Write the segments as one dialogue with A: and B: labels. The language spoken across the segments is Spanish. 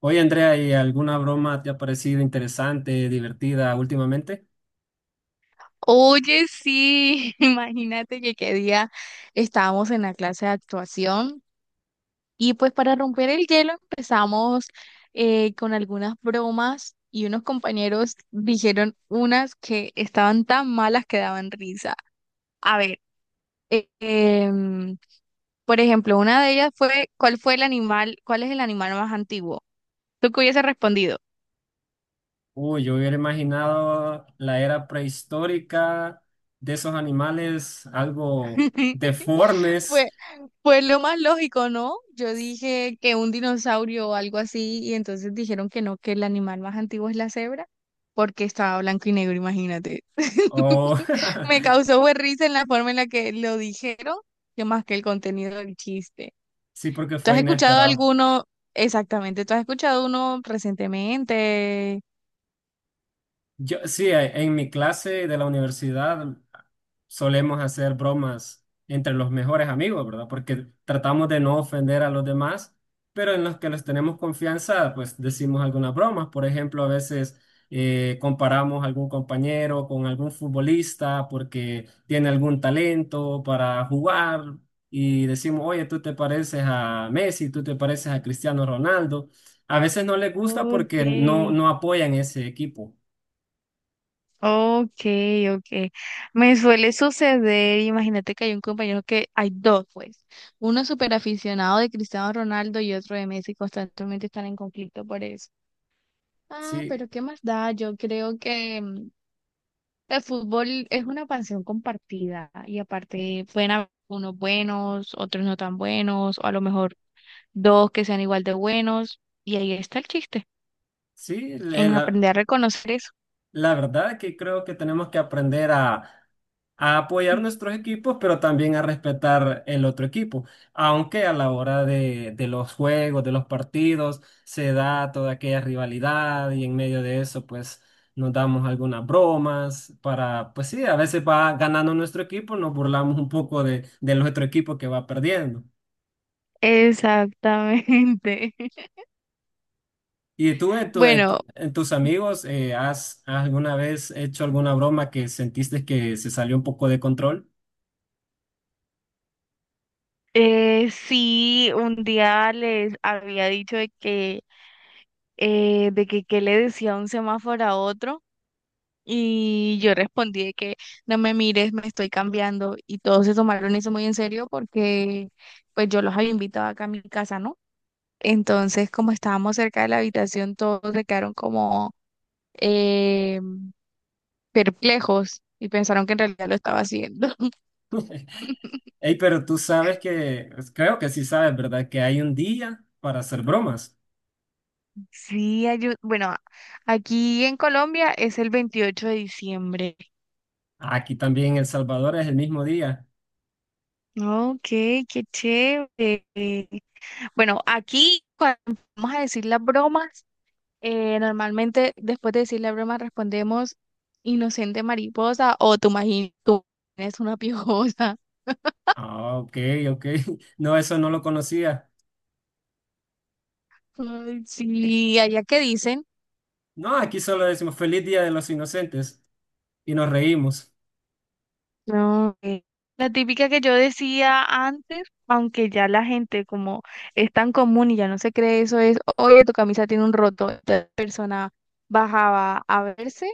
A: Oye, Andrea, ¿y alguna broma te ha parecido interesante, divertida últimamente?
B: Oye, sí, imagínate que qué día estábamos en la clase de actuación y pues para romper el hielo empezamos con algunas bromas y unos compañeros dijeron unas que estaban tan malas que daban risa. A ver, eh, em, por ejemplo, una de ellas fue, ¿cuál fue el animal, cuál es el animal más antiguo? ¿Tú qué hubiese respondido?
A: Uy, yo hubiera imaginado la era prehistórica de esos animales algo deformes.
B: Pues lo más lógico, ¿no? Yo dije que un dinosaurio o algo así, y entonces dijeron que no, que el animal más antiguo es la cebra, porque estaba blanco y negro, imagínate.
A: O
B: Me causó fue risa en la forma en la que lo dijeron, que más que el contenido del chiste.
A: sí, porque
B: ¿Tú has
A: fue
B: escuchado
A: inesperado.
B: alguno? Exactamente, ¿tú has escuchado uno recientemente?
A: Yo, sí, en mi clase de la universidad solemos hacer bromas entre los mejores amigos, ¿verdad? Porque tratamos de no ofender a los demás, pero en los que les tenemos confianza, pues decimos algunas bromas. Por ejemplo, a veces comparamos algún compañero con algún futbolista porque tiene algún talento para jugar y decimos, oye, tú te pareces a Messi, tú te pareces a Cristiano Ronaldo. A veces no les gusta
B: Ok.
A: porque no apoyan ese equipo.
B: Okay, okay. Me suele suceder, imagínate que hay un compañero que hay dos, pues, uno súper aficionado de Cristiano Ronaldo y otro de Messi, constantemente están en conflicto por eso. Ah,
A: Sí,
B: pero qué más da, yo creo que el fútbol es una pasión compartida y aparte pueden haber unos buenos, otros no tan buenos, o a lo mejor dos que sean igual de buenos, y ahí está el chiste,
A: sí,
B: en aprender a reconocer eso.
A: la verdad que creo que tenemos que aprender a apoyar nuestros equipos, pero también a respetar el otro equipo. Aunque a la hora de los juegos, de los partidos, se da toda aquella rivalidad y en medio de eso, pues nos damos algunas bromas para, pues sí, a veces va ganando nuestro equipo, nos burlamos un poco de nuestro equipo que va perdiendo.
B: Exactamente.
A: ¿Y tú en, tu- en
B: Bueno,
A: tu- en tus amigos has alguna vez hecho alguna broma que sentiste que se salió un poco de control?
B: eh, sí, un día les había dicho de que qué le decía un semáforo a otro y yo respondí de que no me mires, me estoy cambiando y todos se tomaron eso muy en serio porque pues yo los había invitado acá a mi casa, ¿no? Entonces, como estábamos cerca de la habitación, todos se quedaron como eh, perplejos y pensaron que en realidad lo estaba haciendo.
A: Ey, pero tú sabes que, pues, creo que sí sabes, ¿verdad? Que hay un día para hacer bromas.
B: Sí, bueno, aquí en Colombia es el 28 de diciembre.
A: Aquí también en El Salvador es el mismo día.
B: Ok, qué chévere. Bueno, aquí cuando vamos a decir las bromas, normalmente después de decir la broma respondemos inocente mariposa o tú imaginas, tú eres una piojosa.
A: Ah, ok, ok. No, eso no lo conocía.
B: Ay, sí, allá que dicen.
A: No, aquí solo decimos feliz Día de los Inocentes y nos reímos.
B: No, la típica que yo decía antes, aunque ya la gente como es tan común y ya no se cree eso, es, oye, tu camisa tiene un roto. Entonces, la persona bajaba a verse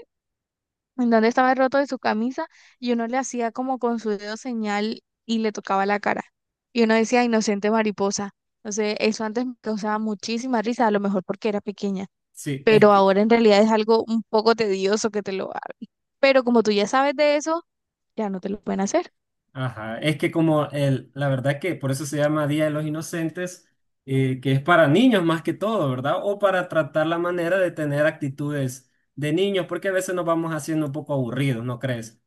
B: en donde estaba el roto de su camisa y uno le hacía como con su dedo señal y le tocaba la cara. Y uno decía, inocente mariposa. Entonces, eso antes me causaba muchísima risa, a lo mejor porque era pequeña,
A: Sí, es
B: pero
A: que
B: ahora en realidad es algo un poco tedioso que te lo hagan. Pero como tú ya sabes de eso, ya no te lo pueden hacer.
A: ajá, es que como la verdad que por eso se llama Día de los Inocentes, que es para niños más que todo, ¿verdad? O para tratar la manera de tener actitudes de niños, porque a veces nos vamos haciendo un poco aburridos, ¿no crees?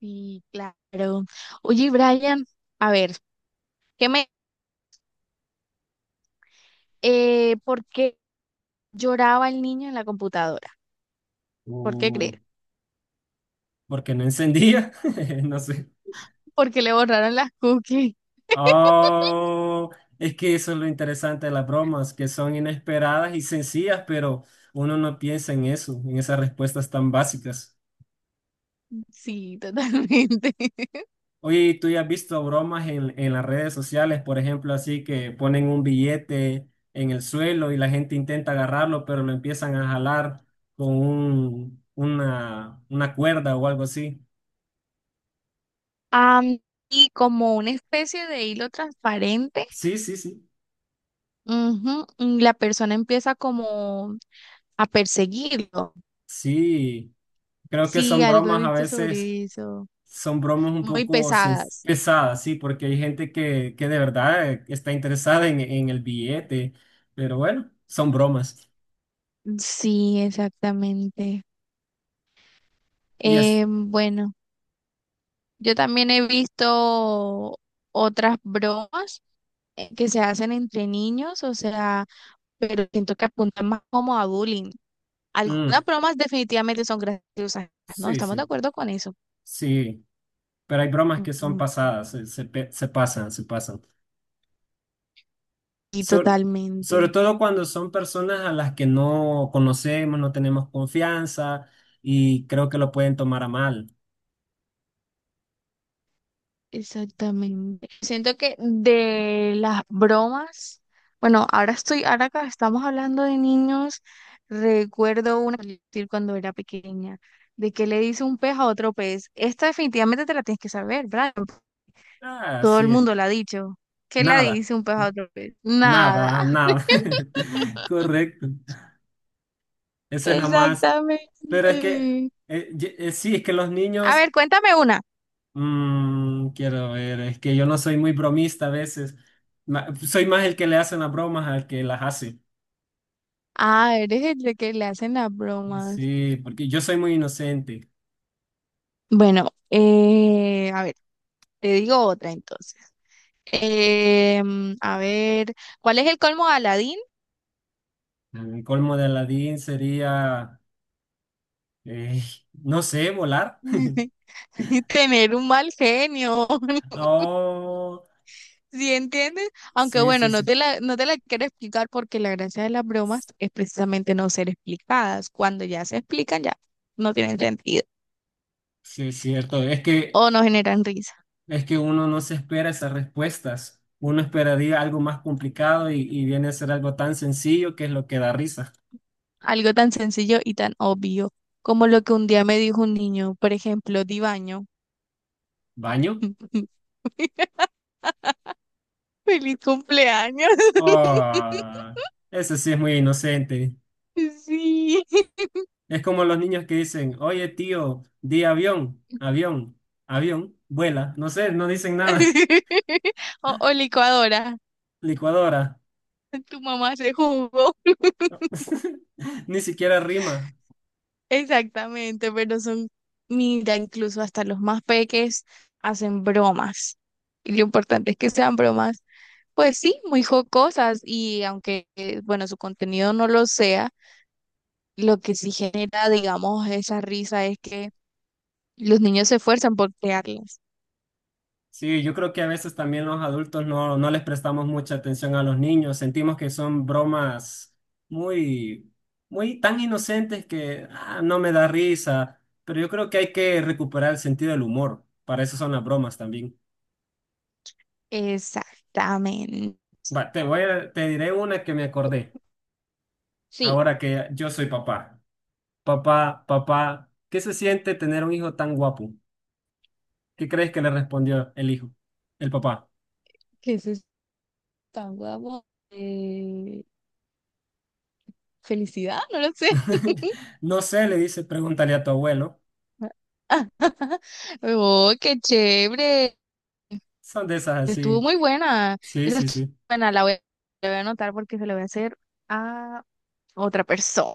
B: Sí, claro. Oye, Brian, a ver, ¿qué me, ¿por qué lloraba el niño en la computadora? ¿Por qué
A: O
B: crees?
A: porque no encendía, no sé.
B: Porque le borraron las cookies.
A: Oh, es que eso es lo interesante de las bromas, que son inesperadas y sencillas, pero uno no piensa en eso, en esas respuestas tan básicas.
B: Sí, totalmente.
A: Oye, ¿y tú ya has visto bromas en las redes sociales? Por ejemplo, así que ponen un billete en el suelo y la gente intenta agarrarlo, pero lo empiezan a jalar con una cuerda o algo así.
B: Am, y como una especie de hilo transparente,
A: Sí, sí, sí.
B: ujú, y la persona empieza como a perseguirlo.
A: Sí, creo que
B: Sí,
A: son
B: algo he
A: bromas a
B: visto
A: veces,
B: sobre eso.
A: son bromas un
B: Muy
A: poco
B: pesadas.
A: pesadas, sí, porque hay gente que de verdad está interesada en el billete, pero bueno, son bromas.
B: Sí, exactamente.
A: Y es,
B: Bueno, yo también he visto otras bromas que se hacen entre niños, o sea... pero siento que apunta más como a bullying.
A: mm,
B: Algunas bromas definitivamente son graciosas, ¿no?
A: sí,
B: Estamos de
A: sí,
B: acuerdo con eso.
A: sí. Pero hay bromas que son
B: Mm,
A: pasadas, se pasan, se pasan.
B: y
A: So- Sobre
B: totalmente,
A: todo cuando son personas a las que no conocemos, no tenemos confianza, y creo que lo pueden tomar a mal.
B: exactamente. Siento que de las bromas, bueno, ahora acá estamos hablando de niños, recuerdo una que decir cuando era pequeña, de que le dice un pez a otro pez. Esta definitivamente te la tienes que saber, ¿verdad?
A: Ah,
B: Todo el
A: así
B: mundo
A: es.
B: la ha dicho. ¿Qué le
A: Nada,
B: dice un pez a otro pez?
A: nada,
B: Nada.
A: nada. Correcto. Esa es la más... Pero es que,
B: Exactamente.
A: sí, es que los
B: A
A: niños,
B: ver, cuéntame una.
A: mm, quiero ver, es que yo no soy muy bromista a veces. Soy más el que le hacen las bromas al que las hace.
B: Ah, eres el de que le hacen las bromas.
A: Sí, porque yo soy muy inocente.
B: Bueno, a ver, te digo otra entonces. A ver, ¿cuál es el colmo de Aladín?
A: El colmo de Aladín sería, eh, no sé, volar.
B: Tener un mal genio,
A: Oh,
B: ¿sí entiendes? Aunque
A: sí,
B: bueno,
A: sí, sí,
B: no te la quiero explicar porque la gracia de las bromas es precisamente no ser explicadas. Cuando ya se explican, ya no tienen sentido
A: sí, es cierto.
B: o no generan risa.
A: Es que uno no se espera esas respuestas. Uno esperaría algo más complicado y viene a ser algo tan sencillo que es lo que da risa.
B: Algo tan sencillo y tan obvio como lo que un día me dijo un niño, por ejemplo, Dibaño.
A: ¿Baño?
B: ¡Feliz cumpleaños!
A: Oh, ese sí es muy inocente.
B: Sí.
A: Es como los niños que dicen, oye, tío, di avión, avión, avión, vuela. No sé, no dicen nada.
B: O, o licuadora.
A: Licuadora.
B: Tu mamá hace jugo.
A: Ni siquiera rima.
B: Exactamente, pero son, mira, incluso hasta los más peques hacen bromas. Y lo importante es que sean bromas, pues sí, muy jocosas y aunque, bueno, su contenido no lo sea. Lo que sí genera, digamos, esa risa es que los niños se esfuerzan por crearlas.
A: Sí, yo creo que a veces también los adultos no les prestamos mucha atención a los niños. Sentimos que son bromas muy, muy tan inocentes que ah, no me da risa. Pero yo creo que hay que recuperar el sentido del humor. Para eso son las bromas también.
B: Exactamente.
A: Va, te diré una que me acordé.
B: Sí,
A: Ahora que yo soy papá. Papá, papá, ¿qué se siente tener un hijo tan guapo? ¿Qué crees que le respondió el hijo? El papá.
B: que eso es tan guapo. Eh, Felicidad, no lo sé.
A: No sé, le dice, pregúntale a tu abuelo.
B: Oh, qué chévere.
A: Son de esas
B: Estuvo
A: así.
B: muy buena.
A: Sí,
B: Esa
A: sí,
B: estuvo
A: sí.
B: buena, la voy a anotar porque se la voy a hacer a otra persona.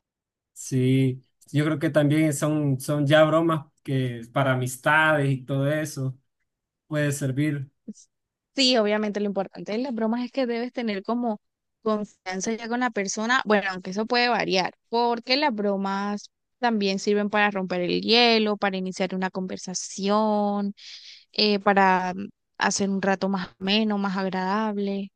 A: Sí. Yo creo que también son, son ya bromas que para amistades y todo eso puede servir.
B: Sí, obviamente lo importante de las bromas es que debes tener como confianza ya con la persona, bueno, aunque eso puede variar, porque las bromas también sirven para romper el hielo, para iniciar una conversación, eh, para mm, hacer un rato más ameno, más agradable.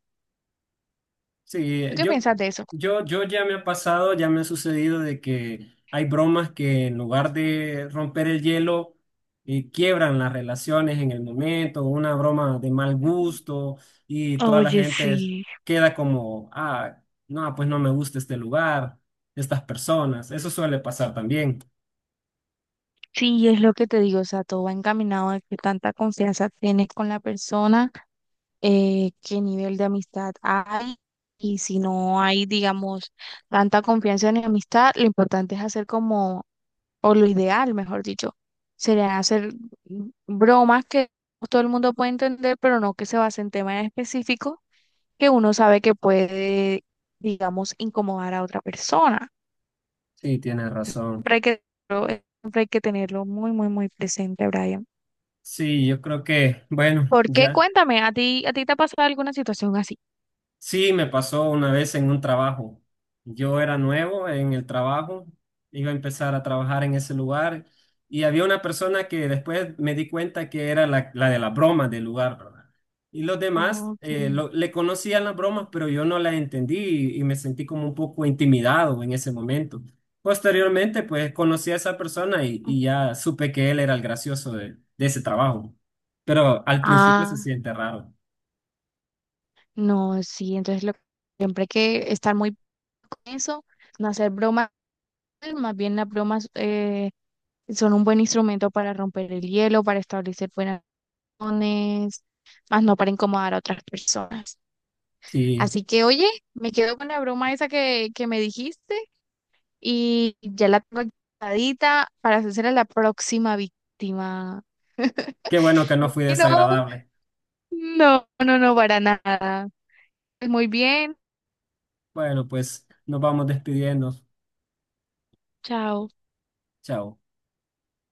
A: Sí,
B: ¿Tú qué piensas de eso?
A: yo ya me ha pasado, ya me ha sucedido de que hay bromas que en lugar de romper el hielo, quiebran las relaciones en el momento, una broma de mal gusto y toda la
B: Oye,
A: gente
B: sí,
A: queda como, ah, no, pues no me gusta este lugar, estas personas. Eso suele pasar también.
B: sí, es lo que te digo, o sea, todo va encaminado a que tanta confianza tienes con la persona qué nivel de amistad hay y si no hay, digamos, tanta confianza ni amistad, lo importante es hacer como, o lo ideal, mejor dicho, sería hacer bromas que todo el mundo puede entender, pero no que se base en temas específicos que uno sabe que puede, digamos, incomodar a otra persona.
A: Sí, tienes razón.
B: Siempre hay que, siempre hay que tenerlo muy, muy, muy presente, Brian.
A: Sí, yo creo que, bueno,
B: ¿Por qué?
A: ya.
B: Cuéntame, a ti te ha pasado alguna situación así?
A: Sí, me pasó una vez en un trabajo. Yo era nuevo en el trabajo, iba a empezar a trabajar en ese lugar y había una persona que después me di cuenta que era la de la broma del lugar, ¿verdad? Y los demás
B: Ok.
A: le conocían las bromas, pero yo no las entendí y me sentí como un poco intimidado en ese momento. Posteriormente, pues conocí a esa persona y ya supe que él era el gracioso de ese trabajo, pero al principio se
B: Ah.
A: siente raro.
B: No, sí, siempre hay que estar muy con eso, no hacer bromas, más bien las bromas son un buen instrumento para romper el hielo, para establecer buenas relaciones, más no para incomodar a otras personas.
A: Sí.
B: Así que, oye, me quedo con la broma esa que me dijiste y ya la tengo guardadita para hacer a la próxima víctima.
A: Qué bueno que no fui
B: No,
A: desagradable.
B: no, no, no, para nada. Muy bien,
A: Bueno, pues nos vamos despidiendo.
B: chao.
A: Chao.